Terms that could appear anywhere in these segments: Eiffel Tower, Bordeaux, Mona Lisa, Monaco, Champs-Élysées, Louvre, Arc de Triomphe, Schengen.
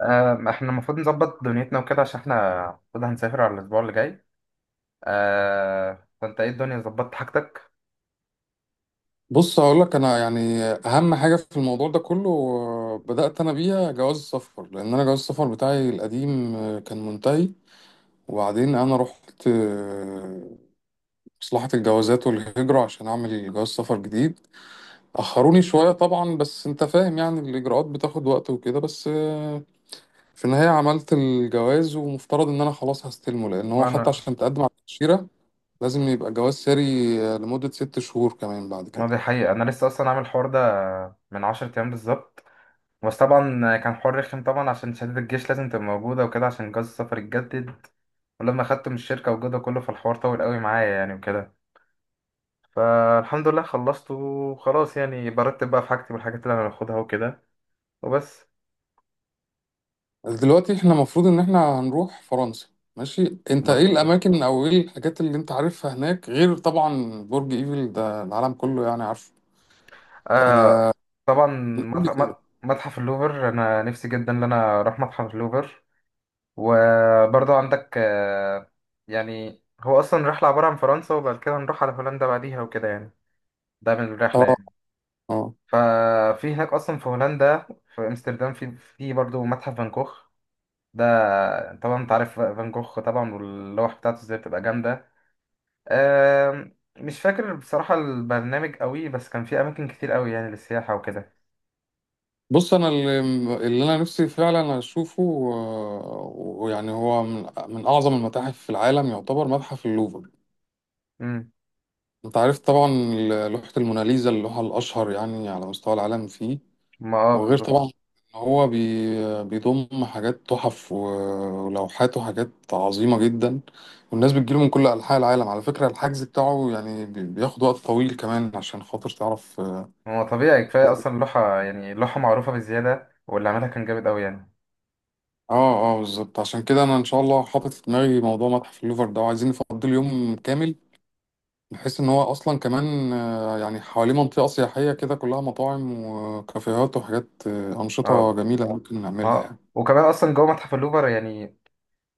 احنا المفروض نظبط دنيتنا وكده عشان احنا المفروض هنسافر على الاسبوع اللي جاي. فانت ايه الدنيا ظبطت حاجتك؟ بص هقول لك انا يعني اهم حاجه في الموضوع ده كله، بدات انا بيها جواز السفر لان انا جواز السفر بتاعي القديم كان منتهي. وبعدين انا رحت مصلحه الجوازات والهجره عشان اعمل جواز سفر جديد. اخروني شويه طبعا، بس انت فاهم يعني الاجراءات بتاخد وقت وكده، بس في النهايه عملت الجواز، ومفترض ان انا خلاص هستلمه، لان هو حتى وانا عشان تقدم على التاشيره لازم يبقى جواز ساري لمده 6 شهور كمان بعد ما كده. دي حقيقة انا لسه اصلا عامل الحوار ده من 10 ايام بالظبط. بس طبعا كان حوار رخم طبعا عشان شهادة الجيش لازم تبقى موجودة وكده عشان جواز السفر يتجدد، ولما خدته من الشركة وجوده كله فالحوار طول قوي معايا يعني وكده. فالحمد لله خلصته وخلاص، يعني برتب بقى في حاجتي والحاجات اللي انا هاخدها وكده، وبس. دلوقتي احنا المفروض ان احنا هنروح فرنسا. ماشي، انت ايه مظبوط. الاماكن او ايه الحاجات اللي انت عارفها هناك غير طبعا برج ايفل، ده العالم كله يعني عارفه؟ آه، آه، طبعا. قول لي كده. متحف اللوفر انا نفسي جدا ان انا اروح متحف اللوفر. وبرضه عندك آه، يعني هو اصلا رحله عباره عن فرنسا وبعد كده نروح على هولندا بعديها وكده يعني، ده من الرحله اه. يعني. اه. ففي هناك اصلا في هولندا، في امستردام، في برضه متحف فان كوخ ده. طبعا انت عارف فان كوخ طبعا واللوح بتاعته ازاي بتبقى جامده. آه، مش فاكر بصراحه البرنامج قوي، بس كان في اماكن كتير قوي يعني للسياحه وكده. بص انا اللي انا نفسي فعلا اشوفه. ويعني هو من اعظم المتاحف في العالم يعتبر متحف اللوفر. مم. انت عارف طبعا لوحة الموناليزا، اللوحة الاشهر يعني على مستوى العالم فيه. ما اه وغير بالظبط. طبعا ان هو بيضم حاجات تحف ولوحات وحاجات عظيمة جدا، والناس بتجيله من كل أنحاء العالم. على فكرة الحجز بتاعه يعني بياخد وقت طويل كمان، عشان خاطر تعرف. اه. هو طبيعي كفاية أصلا اللوحة، يعني اللوحة معروفة بزيادة واللي عملها كان جامد أوي يعني. اه، بالظبط. عشان كده انا ان شاء الله حاطط في دماغي موضوع متحف اللوفر ده، وعايزين نفضي يوم كامل، بحيث ان هو اصلا كمان يعني حواليه منطقة سياحية كده كلها مطاعم وكافيهات وحاجات، أنشطة اه، جميلة ممكن نعملها. اه. وكمان أصلا جوه متحف اللوفر يعني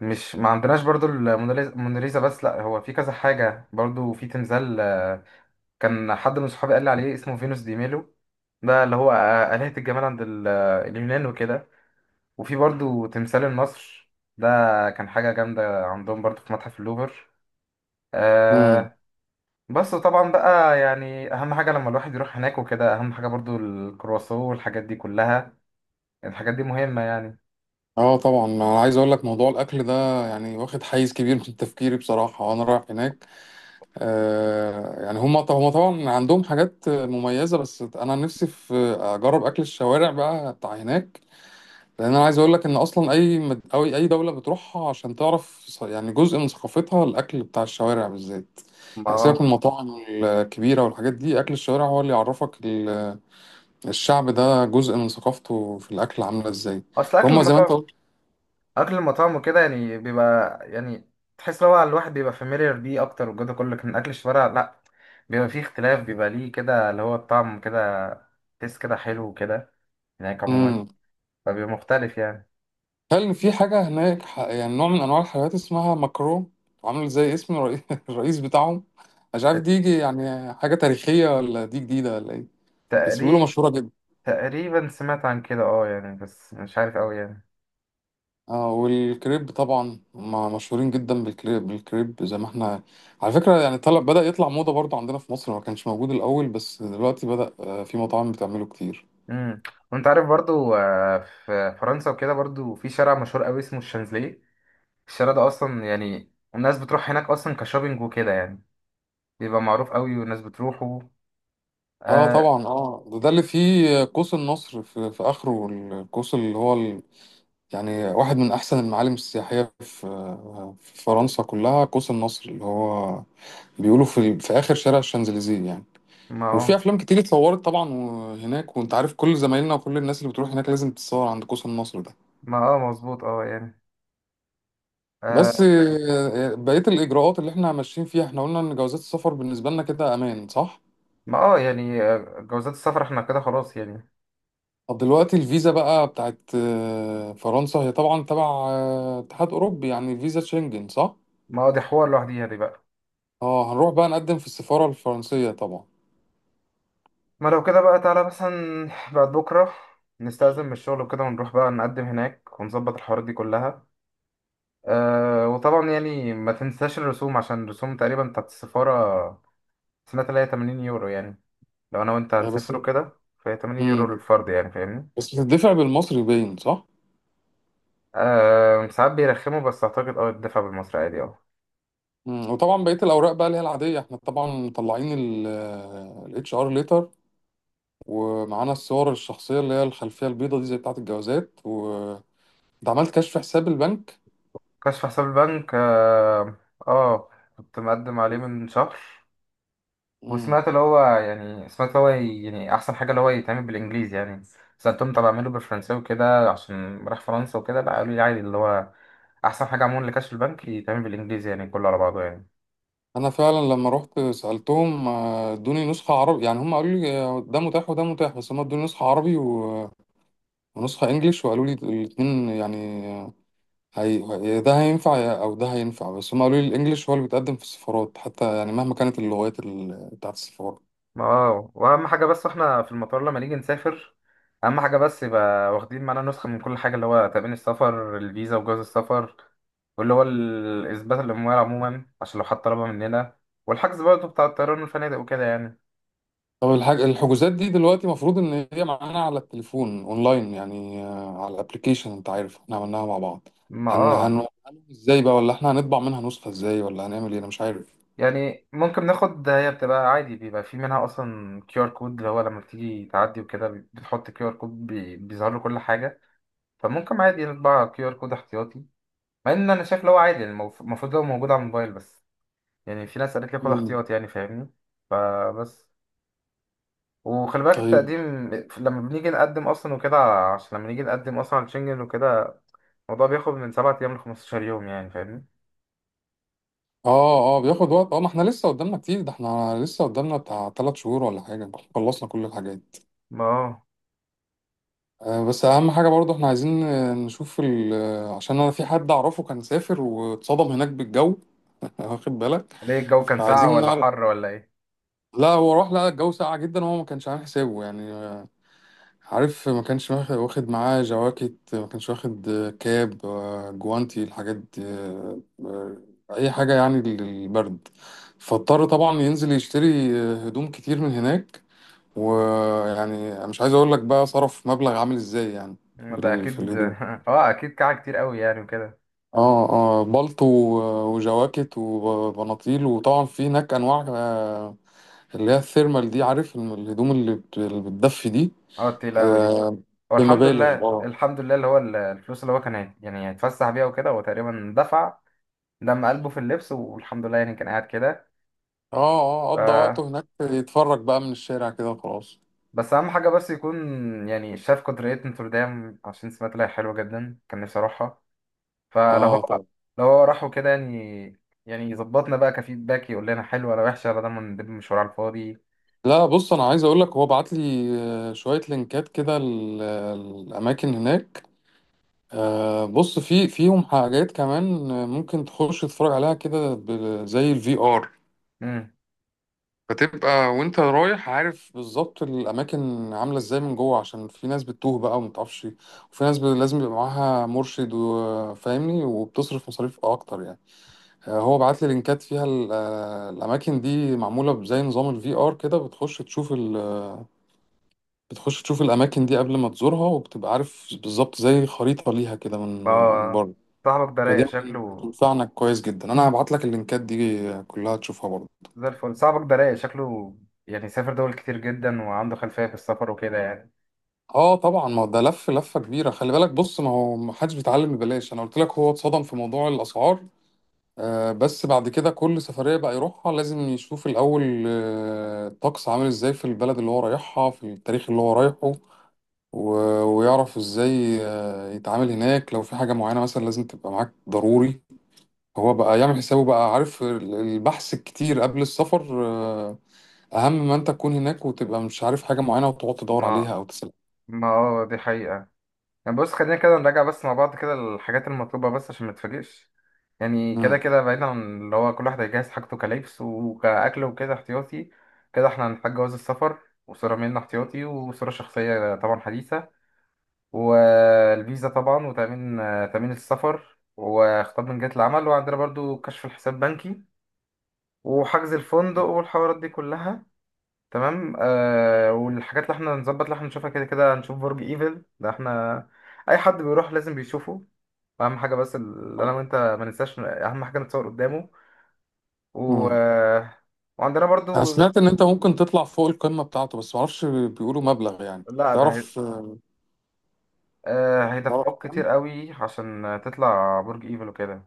مش ما عندناش برضو الموناليزا بس، لأ هو في كذا حاجة برضو. في تمثال آه، كان حد من صحابي قال لي عليه اسمه فينوس دي ميلو، ده اللي هو آلهة الجمال عند اليونان وكده. وفي برضو تمثال النصر ده، كان حاجة جامدة عندهم برضو في متحف اللوفر. يعني آه، بس طبعا بقى يعني اهم حاجه لما الواحد يروح هناك وكده، اهم حاجه برضو الكرواسون والحاجات دي كلها، الحاجات دي مهمه يعني. اه طبعا، انا عايز اقول لك موضوع الاكل ده يعني واخد حيز كبير من تفكيري بصراحه وانا رايح هناك. آه يعني هم طبعا عندهم حاجات مميزه، بس انا نفسي في اجرب اكل الشوارع بقى بتاع هناك. لان انا عايز اقول لك ان اصلا اي او اي دوله بتروحها عشان تعرف يعني جزء من ثقافتها الاكل بتاع الشوارع بالذات. يعني سيبك ما من المطاعم الكبيره والحاجات دي، اكل الشوارع هو اللي يعرفك الشعب ده جزء من ثقافته في الاكل عامله ازاي. اصل اكل فهم زي ما انت المطاعم، قلت. اكل المطاعم وكده يعني بيبقى يعني تحس ان هو الواحد بيبقى فاميليار بيه اكتر والجو ده كله، لكن اكل الشوارع لا، بيبقى فيه اختلاف، بيبقى ليه كده اللي هو الطعم كده، تحس كده حلو وكده هناك عموما، فبيبقى مختلف يعني. هل في حاجة هناك يعني نوع من أنواع الحلويات اسمها مكرون، عامل زي اسم الرئيس بتاعهم؟ مش عارف دي يجي يعني حاجة تاريخية ولا دي جديدة ولا إيه، بس بيقولوا تقريب مشهورة جدا. تقريبا سمعت عن كده، اه يعني بس مش عارف قوي يعني. آه والكريب طبعا هما مشهورين جدا بالكريب. بالكريب زي ما احنا، على فكرة يعني طلب بدأ يطلع موضة برضو عندنا في مصر، ما كانش موجود الأول بس دلوقتي بدأ في مطاعم بتعمله كتير. امم. وانت عارف برضو في فرنسا وكده برضو في شارع مشهور قوي اسمه الشانزليه. الشارع ده اصلا يعني الناس بتروح هناك اصلا كشوبينج وكده يعني، بيبقى معروف قوي والناس بتروحه. اه آه. طبعا. اه ده اللي فيه قوس النصر في اخره. القوس اللي هو يعني واحد من أحسن المعالم السياحية في فرنسا كلها، قوس النصر اللي هو بيقولوا في آخر شارع الشانزليزيه يعني. ما وفي اه. أفلام كتير اتصورت طبعا هناك، وأنت عارف كل زمايلنا وكل الناس اللي بتروح هناك لازم تتصور عند قوس النصر ده. ما اه مظبوط، اه يعني. بس آه. بقية الإجراءات اللي احنا ماشيين فيها، احنا قلنا إن جوازات السفر بالنسبة لنا كده أمان صح؟ ما اه يعني جوازات السفر احنا كده خلاص يعني. طب دلوقتي الفيزا بقى بتاعت فرنسا، هي طبعا تبع اتحاد أوروبي، يعني فيزا شنجن صح؟ ما اه دي حوار لوحديها دي بقى. اه هنروح بقى نقدم في السفارة الفرنسية طبعا. ما لو كده بقى تعالى مثلا بعد بكره نستأذن من الشغل وكده ونروح بقى نقدم هناك ونظبط الحوارات دي كلها. أه، وطبعا يعني ما تنساش الرسوم، عشان الرسوم تقريبا بتاعت السفارة سمعت اللي هي 80 يورو يعني، لو أنا وأنت يعني بس. هنسافروا كده، فهي 80 يورو امم. للفرد يعني فاهمني. بس بتدفع بالمصري باين صح؟ أه ساعات بيرخموا، بس أعتقد أه الدفع بالمصري عادي، أه. امم. وطبعا بقية الأوراق بقى اللي هي العادية، احنا طبعا مطلعين ال اتش ار ليتر، ومعانا الصور الشخصية اللي هي الخلفية البيضة دي زي بتاعة الجوازات، و ده عملت كشف حساب البنك. كشف حساب البنك، أه. آه، كنت مقدم عليه من شهر، امم. وسمعت اللي هو يعني سمعت اللي هو يعني احسن حاجه اللي هو يتعمل بالانجليزي يعني. سالتهم طب اعمله بالفرنساوي وكده عشان راح فرنسا وكده، لا قالوا لي عادي، اللي هو احسن حاجه عموما لكاش البنك يتعمل بالانجليزي يعني كله على بعضه يعني. أنا فعلا لما رحت سألتهم، ادوني نسخة عربي، يعني هم قالوا لي ده متاح وده متاح، بس هم ادوني نسخة عربي ونسخة انجليش، وقالوا لي الاتنين يعني هي ده هينفع او ده هينفع، بس هم قالوا لي الانجليش هو اللي بيتقدم في السفارات حتى، يعني مهما كانت اللغات بتاعت السفارة. ما اه، واهم حاجه بس احنا في المطار لما نيجي نسافر، اهم حاجه بس يبقى واخدين معانا نسخه من كل حاجه، اللي هو تأمين السفر، الفيزا، وجواز السفر، واللي هو اثبات الاموال عموما عشان لو حد طلبها مننا، والحجز برضه بتاع الطيران والفنادق وكده يعني. طب الحجوزات دي دلوقتي المفروض ان هي معانا على التليفون اونلاين، يعني على الابليكيشن. انت عارف احنا عملناها مع بعض. ما هن هن اه، هنعمل ازاي بقى، ولا احنا هنطبع منها نسخة ازاي، ولا هنعمل ايه، انا مش عارف. يعني ممكن ناخد، هي بتبقى عادي بيبقى في منها اصلا كيو ار كود، اللي هو لما بتيجي تعدي وكده بتحط كيو ار كود بيظهر له كل حاجه. فممكن عادي نطبع كيو ار كود احتياطي، مع ان انا شايف اللي هو عادي يعني المفروض هو موجود على الموبايل، بس يعني في ناس قالت لي خد مم. احتياطي يعني فاهمني. فبس، وخلي بالك طيب. التقديم لما بنيجي نقدم اصلا وكده، عشان لما نيجي نقدم اصلا على شنجن وكده الموضوع بياخد من 7 ايام ل 15 يوم يعني فاهمني. اه اه بياخد وقت، اه. ما احنا لسه قدامنا كتير، ده احنا لسه قدامنا بتاع 3 شهور ولا حاجة، خلصنا كل الحاجات. ما اه. بس اهم حاجه برضه احنا عايزين نشوف ال... آه، عشان انا في حد اعرفه كان سافر واتصدم هناك بالجو واخد بالك. ليه الجو كان ساقع فعايزين ولا نعرف. حر ولا ايه؟ لا هو راح لقى الجو ساقع جدا وهو ما كانش عامل حسابه. يعني عارف ما كانش واخد معاه جواكت، ما كانش واخد كاب، جوانتي، الحاجات دي، اي حاجه يعني للبرد. فاضطر طبعا ينزل يشتري هدوم كتير من هناك. ويعني مش عايز اقول لك بقى صرف مبلغ عامل ازاي يعني، ما في ده في اكيد الهدوم. اه اكيد كعه كتير قوي يعني وكده. اه اه بلطو وجواكت وبناطيل. وطبعا في هناك انواع اللي هي الثيرمال دي، عارف الهدوم اللي اللي بتدفي دي. اه تقيلة قوي دي. آه، هو الحمد بمبالغ، لله، اه. الحمد لله اللي هو الفلوس اللي هو كان يعني هيتفسح بيها وكده، هو تقريبا دفع دم قلبه في اللبس، والحمد لله يعني كان قاعد كده. اه اه ف... قضى وقته هناك يتفرج بقى من الشارع كده وخلاص. بس اهم حاجه بس يكون يعني شاف قدرية نوتردام، عشان سمعت لها حلوه جدا، كان نفسي اروحها. فلو اه هو، طبعا. لو هو راح وكده يعني، يعني يظبطنا بقى كفيدباك، يقول لنا حلوه ولا وحشه، ولا ده من ده مشوار على الفاضي. لا بص، انا عايز اقول لك هو بعت لي شوية لينكات كده الاماكن هناك. آه، بص في فيهم حاجات كمان ممكن تخش تتفرج عليها كده زي الفي ار، امم. فتبقى وانت رايح عارف بالظبط الاماكن عامله ازاي من جوه، عشان في ناس بتتوه بقى وما تعرفش. وفي ناس لازم يبقى معاها مرشد وفاهمني وبتصرف مصاريف اكتر يعني. آه، هو بعت لي لينكات فيها الاماكن دي معموله بزي نظام الفي ار كده، بتخش تشوف الاماكن دي قبل ما تزورها، وبتبقى عارف بالظبط زي خريطه ليها كده من من اه. بره. صاحبك ده رايق فدي شكله، هتنفعنا كويس جدا. انا هبعت لك اللينكات دي كلها تشوفها برضه. زي الفل. صاحبك ده رايق شكله، يعني سافر دول كتير جدا وعنده خلفية في السفر وكده يعني. اه طبعا، ما هو ده لف لفه كبيره، خلي بالك. بص ما هو ما حدش بيتعلم ببلاش، انا قلت لك هو اتصدم في موضوع الاسعار. آه بس بعد كده كل سفريه بقى يروحها لازم يشوف الاول آه الطقس عامل ازاي في البلد اللي هو رايحها في التاريخ اللي هو رايحه، ويعرف ازاي آه يتعامل هناك، لو في حاجه معينه مثلا لازم تبقى معاك ضروري. هو بقى يعمل حسابه بقى، عارف البحث الكتير قبل السفر آه. اهم ما انت تكون هناك وتبقى مش عارف حاجه معينه وتقعد تدور ما، عليها او تسال. ما اه دي حقيقة. يعني بص خلينا كده نراجع بس مع بعض كده الحاجات المطلوبة بس عشان ما تتفاجئش، يعني كده مم. كده بعيدا عن اللي هو كل واحد هيجهز حاجته كلبس وكأكل وكده احتياطي. كده احنا هنحتاج جواز السفر، وصورة ميلنا احتياطي، وصورة شخصية طبعا حديثة، والفيزا طبعا، وتأمين تأمين السفر، وخطاب من جهة العمل، وعندنا برضو كشف الحساب بنكي، وحجز الفندق والحوارات دي كلها، تمام. آه، والحاجات اللي احنا نظبط اللي احنا نشوفها، كده كده هنشوف برج ايفل ده، احنا اي حد بيروح لازم بيشوفه، اهم حاجه بس اللي انا وانت ما ننساش اهم حاجه نتصور قدامه. و... مم. آه، وعندنا انا برضو سمعت ان انت ممكن تطلع فوق القمة بتاعته، بس معرفش بيقولوا مبلغ يعني. لا ده هي... تعرف. آه تعرف هيدفعوك كام؟ كتير قوي عشان تطلع برج ايفل وكده.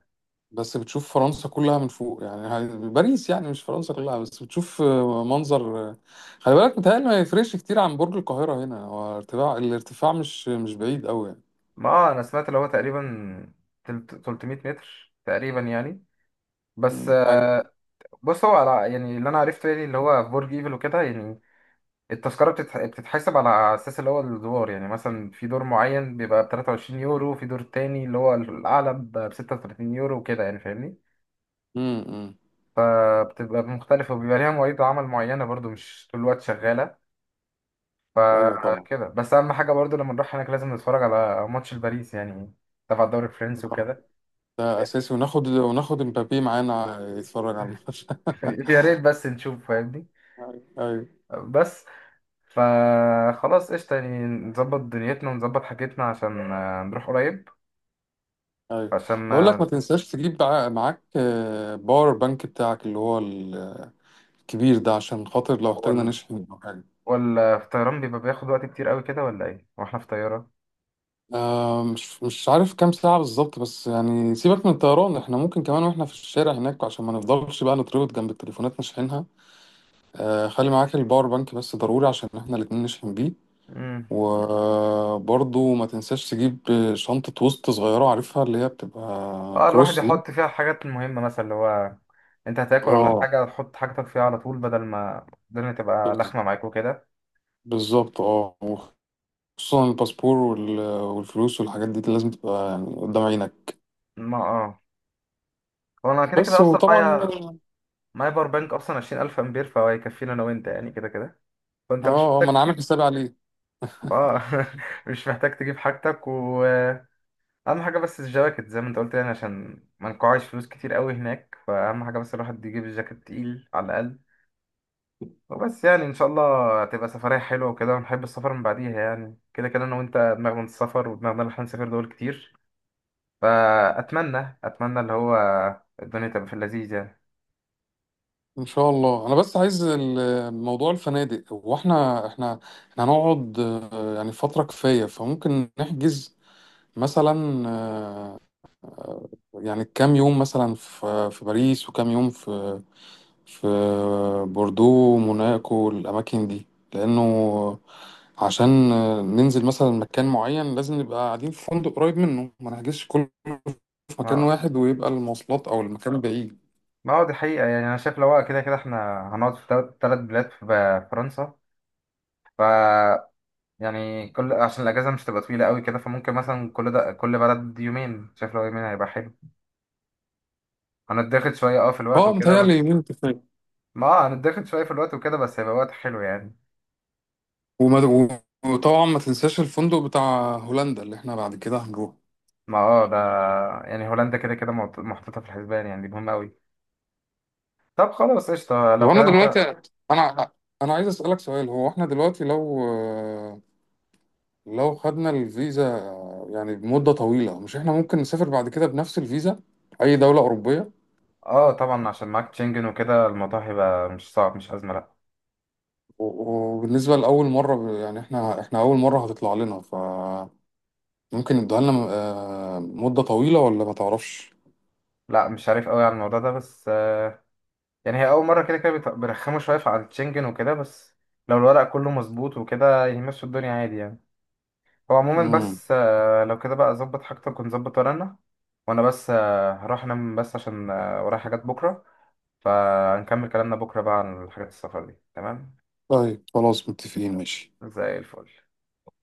بس بتشوف فرنسا كلها من فوق، يعني باريس يعني، مش فرنسا كلها، بس بتشوف منظر. خلي بالك متهيألي ما يفرقش كتير عن برج القاهرة هنا، هو ارتفاع الارتفاع مش بعيد قوي يعني. ما آه، انا سمعت اللي هو تقريبا 300 متر تقريبا يعني. بس مم. حاجة. آه، بص هو على يعني اللي انا عرفته يعني اللي هو في برج ايفل وكده يعني التذكرة بتتحسب على أساس اللي هو الدولار، يعني مثلا في دور معين بيبقى بتلاتة وعشرين يورو، في دور تاني اللي هو الأعلى بستة وتلاتين يورو وكده يعني فاهمني. امم. فبتبقى مختلفة، وبيبقى ليها مواعيد عمل معينة برضو، مش طول الوقت شغالة. ايوه طبعا. فكده بس، أهم حاجة برضو لما نروح هناك لازم نتفرج على ماتش الباريس يعني، تبع الدوري الفرنسي وكده. ده اساسي، وناخد مبابي معانا يتفرج على الماتش. يا ريت بس نشوف فاهمني. ايوه. بس، فخلاص قشطة، يعني نظبط دنيتنا ونظبط حاجتنا عشان نروح قريب. ايوه عشان بقول لك ما. ما تنساش تجيب معاك باور بانك بتاعك اللي هو الكبير ده عشان خاطر لو احتاجنا نشحن او حاجه. ولا في طيران بيبقى بياخد وقت كتير قوي كده ولا ايه واحنا في طيارة؟ آه، مش عارف كام ساعه بالظبط، بس يعني سيبك من الطيران، احنا ممكن كمان واحنا في الشارع هناك عشان ما نفضلش بقى نتربط جنب التليفونات نشحنها. آه، خلي معاك الباور بانك بس ضروري عشان احنا الاتنين نشحن بيه. امم. وبرضه ما تنساش تجيب شنطة وسط صغيرة عارفها، اللي هي بتبقى اه الواحد كروس دي. يحط فيها الحاجات المهمة، مثلا اللي هو انت هتاكل ولا اه. حاجة تحط حاجتك فيها على طول، بدل ما الدنيا تبقى بز- لخمة معاك وكده. بالظبط اه. خصوصا الباسبور والفلوس والحاجات دي لازم تبقى يعني قدام عينك. ما اه. هو انا كده كده بس. اصلا وطبعا معايا، معايا باور بانك اصلا 20,000 امبير، فهو هيكفينا انا وانت يعني كده كده، اه، فانت مش ما انا محتاج عامل تجيب. حسابي عليه. اه. مش محتاج تجيب حاجتك، واهم حاجة بس الجواكت زي ما انت قلت يعني عشان ما نقعش فلوس كتير قوي هناك، فاهم؟ حاجة بس الواحد يجيب الجاكيت تقيل على الاقل، وبس. يعني ان شاء الله هتبقى سفرية حلوة وكده، ونحب السفر من بعديها، يعني كده كده انا وانت دماغنا السفر ودماغنا اللي احنا نسافر دول كتير. فاتمنى، اتمنى اللي هو الدنيا تبقى في اللذيذ يعني. ان شاء الله. انا بس عايز موضوع الفنادق. هو احنا احنا هنقعد يعني فترة كفاية، فممكن نحجز مثلا يعني كام يوم مثلا في باريس، وكام يوم في بوردو موناكو الأماكن دي. لأنه عشان ننزل مثلا مكان معين لازم نبقى قاعدين في فندق قريب منه، ما نحجزش كله في مكان ما، واحد ويبقى المواصلات أو المكان بعيد. ما هو دي حقيقة. يعني انا شايف لو هو كده كده احنا هنقعد في تلات تلات بلاد في فرنسا، ف يعني كل، عشان الاجازة مش تبقى طويلة قوي كده، فممكن مثلا كل ده كل بلد يومين، شايف لو يومين هيبقى حلو. هنتضغط شوية اه في الوقت اه وكده متهيألي بس. يومين كفاية. ما آه، هنتضغط شوية في الوقت وكده بس هيبقى وقت حلو يعني. وما- وطبعا ما تنساش الفندق بتاع هولندا اللي احنا بعد كده هنروح. ما اه ده، يعني هولندا كده كده محطوطة في الحسبان يعني، دي مهمة أوي. طب خلاص قشطة طب لو انا كده أنت. دلوقتي، انا انا عايز اسالك سؤال. هو احنا دلوقتي لو خدنا الفيزا يعني بمدة طويلة، مش احنا ممكن نسافر بعد كده بنفس الفيزا أي دولة أوروبية؟ اه طبعا عشان معاك تشنجن وكده الموضوع هيبقى مش صعب، مش أزمة، لأ. وبالنسبة لأول مرة، يعني احنا أول مرة هتطلع لنا، فممكن يدوها لنا مدة طويلة ولا ما تعرفش؟ لأ مش عارف أوي على الموضوع ده، بس يعني هي أول مرة، كده كده بيرخموا شوية على التشنجن وكده، بس لو الورق كله مظبوط وكده يمشوا الدنيا عادي يعني. هو عموما مم. بس لو كده بقى أظبط حاجتك ونظبط ورقنا. وأنا بس هروح أنام بس عشان ورايا حاجات بكرة، فهنكمل كلامنا بكرة بقى عن حاجات السفر دي، تمام. طيب خلاص متفقين، ماشي. زي الفل.